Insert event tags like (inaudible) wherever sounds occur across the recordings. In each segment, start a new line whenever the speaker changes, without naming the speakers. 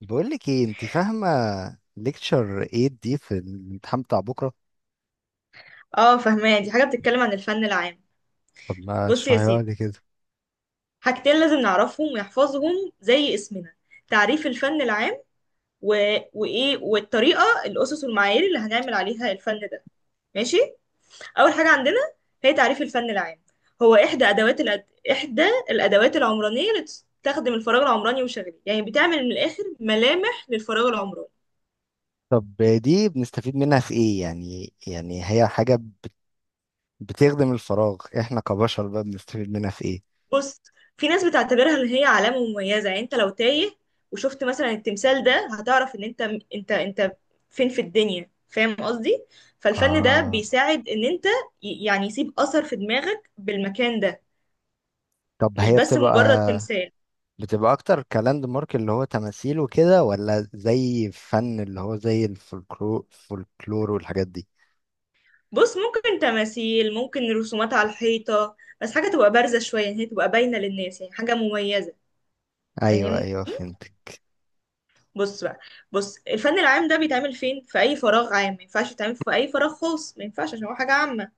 بقول لك ايه، انت فاهمه ليكتشر 8 دي في الامتحان بتاع بكره؟
اه فهماه، دي حاجة بتتكلم عن الفن العام.
طب ما
بص يا
اشرحيها
سيدي،
لي كده.
حاجتين لازم نعرفهم ونحفظهم زي اسمنا: تعريف الفن العام و... وإيه والطريقة، الأسس والمعايير اللي هنعمل عليها الفن ده. ماشي، أول حاجة عندنا هي تعريف الفن العام. هو إحدى الأدوات العمرانية اللي تستخدم الفراغ العمراني وشغله، يعني بتعمل من الآخر ملامح للفراغ العمراني.
طب دي بنستفيد منها في ايه؟ يعني هي حاجه بتخدم الفراغ، احنا كبشر بقى بنستفيد منها في ايه؟
بص، في ناس بتعتبرها ان هي علامة مميزة، يعني انت لو تايه وشفت مثلا التمثال ده هتعرف ان انت فين في الدنيا، فاهم قصدي؟ فالفن ده
اه.
بيساعد ان انت يعني يسيب اثر في دماغك بالمكان ده،
طب
مش
هي
بس
بتبقى
مجرد تمثال.
بتبقى اكتر كلاند مارك اللي هو تماثيل وكده، ولا زي فن اللي هو زي الفولكلور فولكلور والحاجات دي؟
بص، ممكن تماثيل، ممكن رسومات على الحيطة، بس حاجة تبقى بارزة شوية، يعني هي تبقى باينة للناس، يعني حاجة مميزة.
ايوه،
فاهمني؟
ايوه، فهمت.
بص بقى، بص، الفن العام ده بيتعمل فين؟ في اي فراغ عام. ما ينفعش يتعمل في اي فراغ خاص، ما ينفعش، عشان هو حاجة عامة.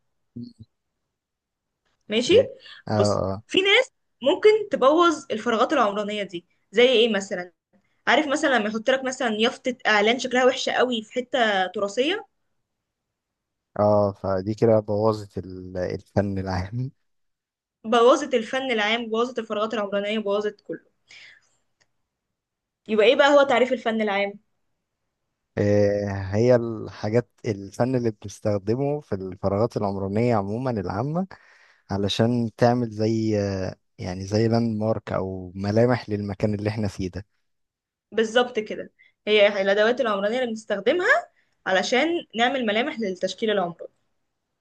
ماشي.
ايه. اه،
بص،
اه،
في ناس ممكن تبوظ الفراغات العمرانيه دي. زي ايه مثلا؟ عارف مثلا لما يحط لك مثلا يافطه اعلان شكلها وحشه قوي في حته تراثيه،
اه، فدي كده بوظت الفن العام.
بوظت الفن العام، بوظت الفراغات العمرانيه، بوظت كله. يبقى ايه بقى هو تعريف الفن العام؟
آه، هي الحاجات الفن اللي بنستخدمه في الفراغات العمرانية عموما العامة، علشان تعمل زي يعني زي لاند مارك أو ملامح للمكان اللي احنا فيه ده.
بالظبط كده، هي الادوات العمرانيه اللي بنستخدمها علشان نعمل ملامح للتشكيل العمراني.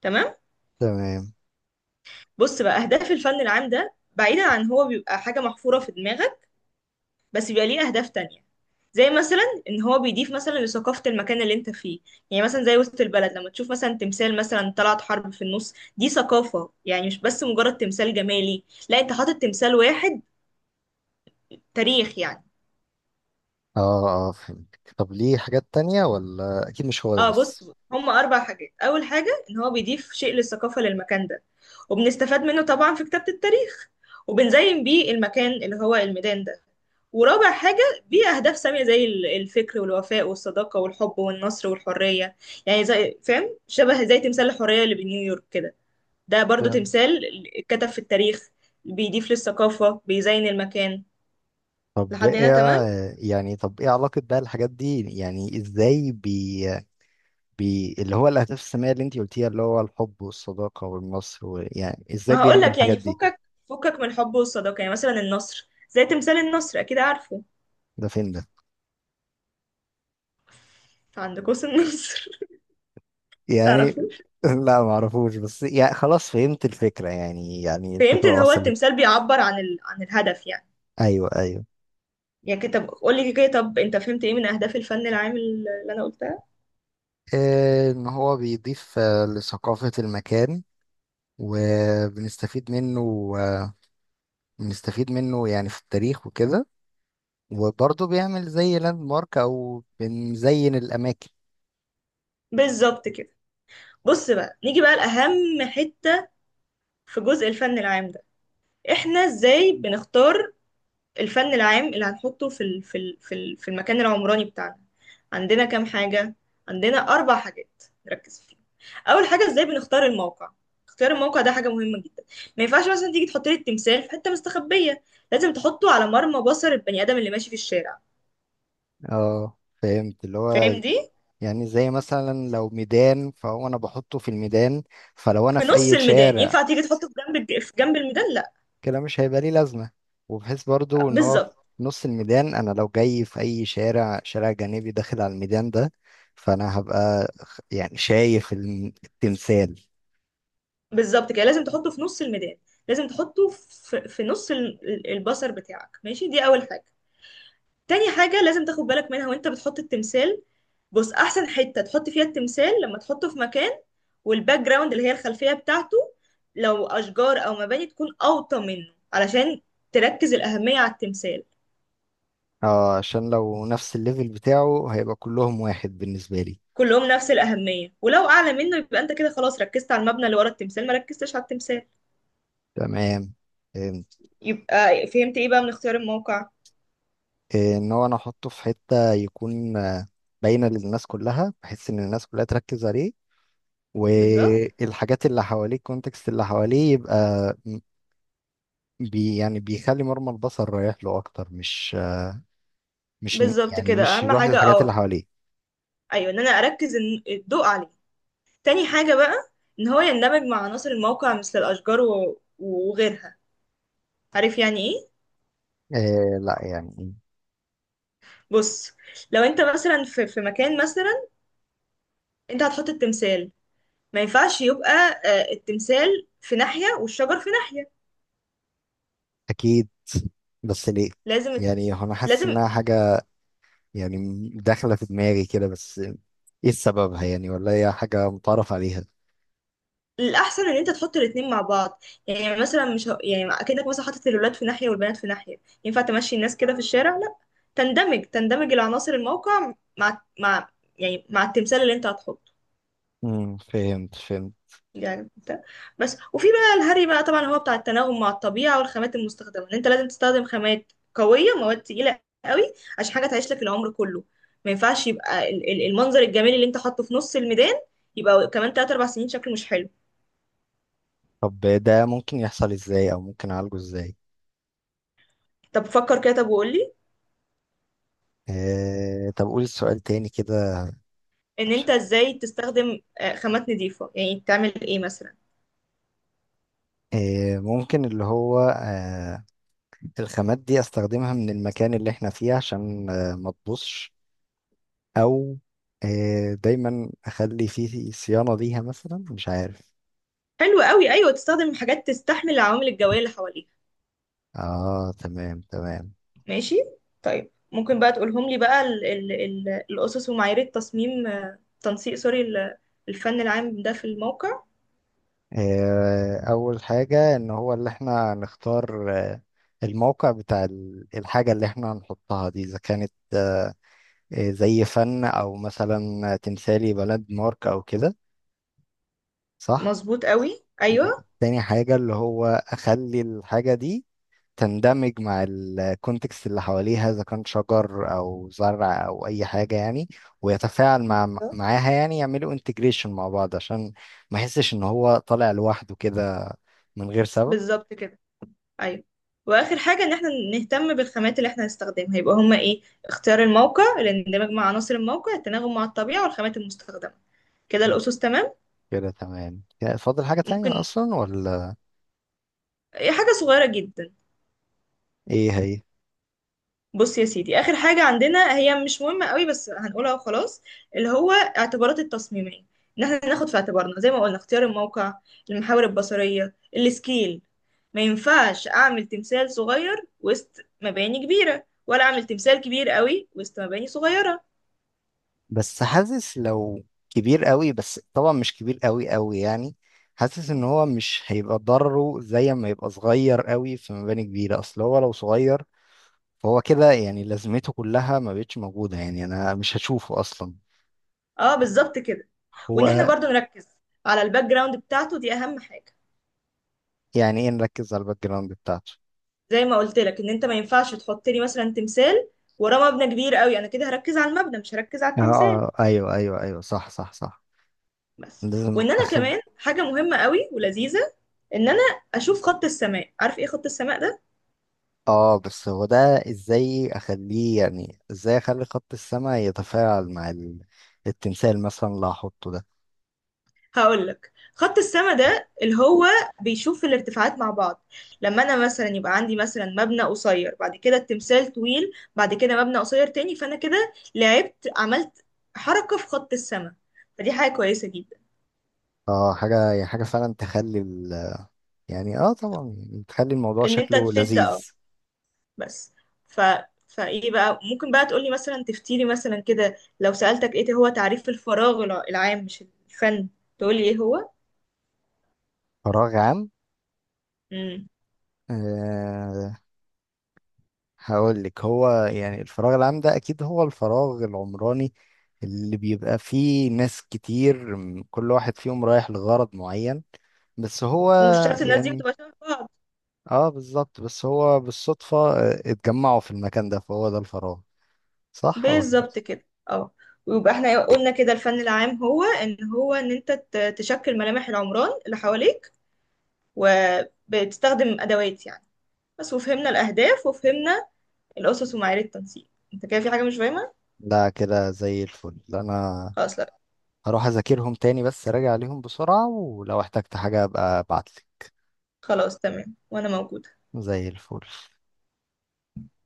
تمام.
تمام.
بص بقى، اهداف الفن العام ده، بعيدا عن هو بيبقى حاجه محفوره في دماغك، بس بيبقى ليه أهداف تانية. زي مثلا، إن هو بيضيف مثلا لثقافة المكان اللي أنت فيه. يعني مثلا زي وسط البلد، لما تشوف مثلا تمثال مثلا طلعت حرب في النص، دي ثقافة، يعني مش بس مجرد تمثال جمالي، لا، أنت حاطط تمثال، واحد تاريخ يعني.
اه، اه، فهمتك. طب ليه حاجات تانية؟ ولا أكيد مش هو ده
اه بص،
بس؟
هما اربع حاجات. اول حاجه ان هو بيضيف شيء للثقافه للمكان ده، وبنستفاد منه طبعا في كتابه التاريخ، وبنزين بيه المكان اللي هو الميدان ده، ورابع حاجة بيه أهداف سامية زي الفكر والوفاء والصداقة والحب والنصر والحرية. يعني زي، فاهم، شبه زي تمثال الحرية اللي بنيويورك كده، ده برضو
تمام.
تمثال اتكتب في التاريخ، بيضيف للثقافة، بيزين المكان.
طب
لحد هنا
ايه
تمام؟
آه، يعني طب ايه علاقة بقى الحاجات دي؟ يعني ازاي بي اللي هو الأهداف السامية اللي انتي قلتيها، اللي هو الحب والصداقة والنصر يعني ازاي
ما
بيعمل
هقولك
الحاجات
يعني،
دي؟
فكك، فكك من الحب والصداقة، يعني مثلا النصر زي تمثال النصر، أكيد عارفه،
ده فين ده؟
عند قوس النصر. (laughs)
يعني.
تعرفه؟
(laughs) لا، ما اعرفوش، بس يعني خلاص فهمت الفكرة، يعني
فهمت
الفكرة
ان هو
وصلت.
التمثال بيعبر عن عن الهدف يعني.
ايوه، ايوه،
يعني كده، طب قول لي كده، طب انت فهمت ايه من اهداف الفن العام اللي انا قلتها؟
ان هو بيضيف لثقافة المكان. وبنستفيد منه، بنستفيد منه يعني في التاريخ وكده، وبرضه بيعمل زي لاند مارك، او بنزين الاماكن.
بالظبط كده. بص بقى، نيجي بقى لأهم حتة في جزء الفن العام ده. احنا ازاي بنختار الفن العام اللي هنحطه في ال في ال في, ال في المكان العمراني بتاعنا؟ عندنا كام حاجة؟ عندنا أربع حاجات نركز فيهم. أول حاجة، ازاي بنختار الموقع. اختيار الموقع ده حاجة مهمة جدا، ما ينفعش مثلا تيجي تحط لي التمثال في حتة مستخبية، لازم تحطه على مرمى بصر البني آدم اللي ماشي في الشارع.
اه، فهمت اللي
فاهم
هو
دي؟
يعني زي مثلا لو ميدان، فهو انا بحطه في الميدان. فلو انا
في
في
نص
اي
الميدان.
شارع،
ينفع تيجي تحطه في في جنب الميدان؟ لا.
كده مش هيبقى ليه لازمة. وبحيث برضو ان هو في
بالظبط،
نص الميدان. انا لو جاي في اي شارع، شارع جانبي داخل على الميدان ده، فانا هبقى يعني شايف التمثال.
بالظبط كده، لازم تحطه في نص الميدان، لازم تحطه في نص البصر بتاعك ماشي. دي اول حاجه. تاني حاجه لازم تاخد بالك منها وانت بتحط التمثال، بص، احسن حته تحط فيها التمثال لما تحطه في مكان والباك جراوند، اللي هي الخلفيه بتاعته، لو اشجار او مباني، تكون اوطى منه علشان تركز الاهميه على التمثال.
اه، عشان لو نفس الليفل بتاعه هيبقى كلهم واحد بالنسبة لي.
كلهم نفس الاهميه، ولو اعلى منه يبقى انت كده خلاص ركزت على المبنى اللي ورا التمثال، ما ركزتش على التمثال.
تمام، فهمت.
يبقى فهمت ايه بقى من اختيار الموقع؟
إيه، ان هو انا احطه في حتة يكون باينة للناس كلها، بحيث ان الناس كلها تركز عليه
بالظبط،
والحاجات اللي حواليه، الكونتكست اللي حواليه يبقى م- يعني بيخلي مرمى البصر رايح له اكتر، مش
بالظبط
يعني
كده،
مش
اهم
الواحد
حاجه.
الحاجات اللي
اه
حواليه.
ايوه، ان انا اركز الضوء عليه. تاني حاجه بقى، ان هو يندمج مع عناصر الموقع مثل الاشجار وغيرها. عارف يعني ايه؟
لا، يعني.
بص، لو انت مثلا في مكان مثلا، انت هتحط التمثال، ما ينفعش يبقى التمثال في ناحيه والشجر في ناحيه.
اكيد، بس ليه؟
لازم،
يعني هو انا حاسس
لازم
انها حاجه يعني داخله في دماغي كده، بس ايه سببها يعني؟ ولا هي حاجه متعرف عليها؟
الاحسن ان انت تحط الاتنين مع بعض. يعني مثلا مش يعني اكنك مثلا حاطط الولاد في ناحيه والبنات في ناحيه، ينفع تمشي الناس كده في الشارع؟ لا. تندمج العناصر الموقع مع يعني مع التمثال اللي انت هتحطه.
فهمت، فهمت.
يعني ده. بس، وفي بقى الهري بقى، طبعا هو بتاع التناغم مع الطبيعة والخامات المستخدمة، ان انت لازم تستخدم خامات قوية، مواد تقيلة قوي، عشان حاجة تعيش لك العمر كله. ما ينفعش يبقى المنظر الجميل اللي انت حاطه في نص الميدان يبقى كمان 3 4 سنين شكله مش حلو.
طب ده ممكن يحصل ازاي، او ممكن اعالجه ازاي؟
طب فكر كده طب وقول لي،
طب قول السؤال تاني كده.
ان
عشان-
انت ازاي تستخدم خامات نظيفة، يعني تعمل ايه مثلا؟
ممكن اللي هو الخامات دي استخدمها من المكان اللي احنا فيه، عشان ما تبوظش، او دايما اخلي فيه صيانة ليها مثلا، مش عارف.
حلو قوي، ايوه، تستخدم حاجات تستحمل العوامل الجوية اللي حواليك.
اه، تمام، تمام.
ماشي. طيب ممكن بقى تقولهم لي بقى ال ال ال الأسس ومعايير التصميم، تنسيق، سوري، الفن العام ده في الموقع؟
اول حاجة، ان هو اللي احنا نختار الموقع بتاع الحاجة اللي احنا هنحطها دي، اذا كانت زي فن او مثلا تمثالي بلد مارك او كده، صح؟
مظبوط قوي، أيوه.
دي تاني حاجة، اللي هو اخلي الحاجة دي تندمج مع الكونتكست اللي حواليها، اذا كان شجر او زرع او اي حاجه يعني، ويتفاعل
بالظبط،
معاها يعني، يعملوا انتجريشن مع بعض عشان ما يحسش ان هو طالع لوحده كده، من غير سبب.
بالظبط كده. أيوه. وآخر حاجة إن احنا نهتم بالخامات اللي احنا هنستخدمها. يبقى هما إيه؟ اختيار الموقع، الاندماج مع عناصر الموقع، التناغم مع الطبيعة والخامات المستخدمة. كده الأسس تمام.
كده تمام، كده فاضل حاجه تانية
ممكن،
اصلا ولا؟
إيه حاجة صغيرة جدا.
ايه هي؟
بص يا سيدي، اخر حاجه عندنا، هي مش مهمه قوي بس هنقولها وخلاص، اللي هو اعتبارات التصميميه، ان احنا ناخد في اعتبارنا زي ما قلنا اختيار الموقع، المحاور البصريه، السكيل. ما ينفعش اعمل تمثال صغير وسط مباني كبيره، ولا اعمل تمثال كبير قوي وسط مباني صغيره.
بس حاسس لو كبير قوي، بس طبعا مش كبير قوي قوي يعني. حاسس ان هو مش هيبقى ضرره زي ما يبقى صغير قوي في مباني كبيره، اصل هو لو صغير، فهو كده يعني لازمته كلها ما بقتش موجودة، يعني أنا مش هشوفه أصلا.
اه بالظبط كده. وان احنا
هو.
برضو نركز على الباك جراوند بتاعته، دي اهم حاجه.
يعني إيه نركز على الباك جراوند بتاعته؟
زي ما قلت لك، ان انت ما ينفعش تحط لي مثلا تمثال وراه مبنى كبير قوي، انا كده هركز على المبنى، مش هركز على
آه،
التمثال.
آه، أيوه، أيوه، أيوه، صح، صح، صح.
بس.
لازم
وان انا
أخد.
كمان حاجه مهمه قوي ولذيذه، ان انا اشوف خط السماء. عارف ايه خط السماء ده؟
بس هو ده، إزاي أخليه يعني إزاي أخلي خط السماء يتفاعل مع التمثال مثلا اللي هحطه ده؟
هقول لك. خط السماء ده اللي هو بيشوف الارتفاعات مع بعض. لما انا مثلا يبقى عندي مثلا مبنى قصير، بعد كده التمثال طويل، بعد كده مبنى قصير تاني، فانا كده لعبت، عملت حركه في خط السماء. فدي حاجه كويسه جدا،
حاجة، يعني حاجة فعلا تخلي ال. يعني، طبعا، يعني تخلي الموضوع
ان انت
شكله
تشد، اه.
لذيذ.
بس. ف فايه بقى، ممكن بقى تقولي مثلا، تفتيلي مثلا كده، لو سألتك ايه هو تعريف الفراغ العام، مش الفن، تقولي ايه هو؟
فراغ عام.
امم.
آه. هقول لك هو يعني الفراغ العام ده اكيد هو الفراغ العمراني اللي بيبقى فيه ناس كتير، كل واحد فيهم رايح لغرض معين، بس هو
ومش شرط الناس دي
يعني.
بتبقى شبه بعض.
اه، بالظبط، بس هو بالصدفة اتجمعوا في المكان ده، فهو ده الفراغ، صح هو.
بالظبط كده، اه. ويبقى احنا قلنا كده، الفن العام هو ان هو ان انت تشكل ملامح العمران اللي حواليك، وبتستخدم ادوات يعني. بس. وفهمنا الاهداف، وفهمنا الاسس ومعايير التنسيق. انت كده في حاجة مش فاهمة؟
لا، كده زي الفل. انا
خلاص، لا،
هروح اذاكرهم تاني، بس راجع عليهم بسرعة، ولو احتجت حاجة ابقى ابعتلي.
خلاص تمام، وانا موجودة.
زي الفل.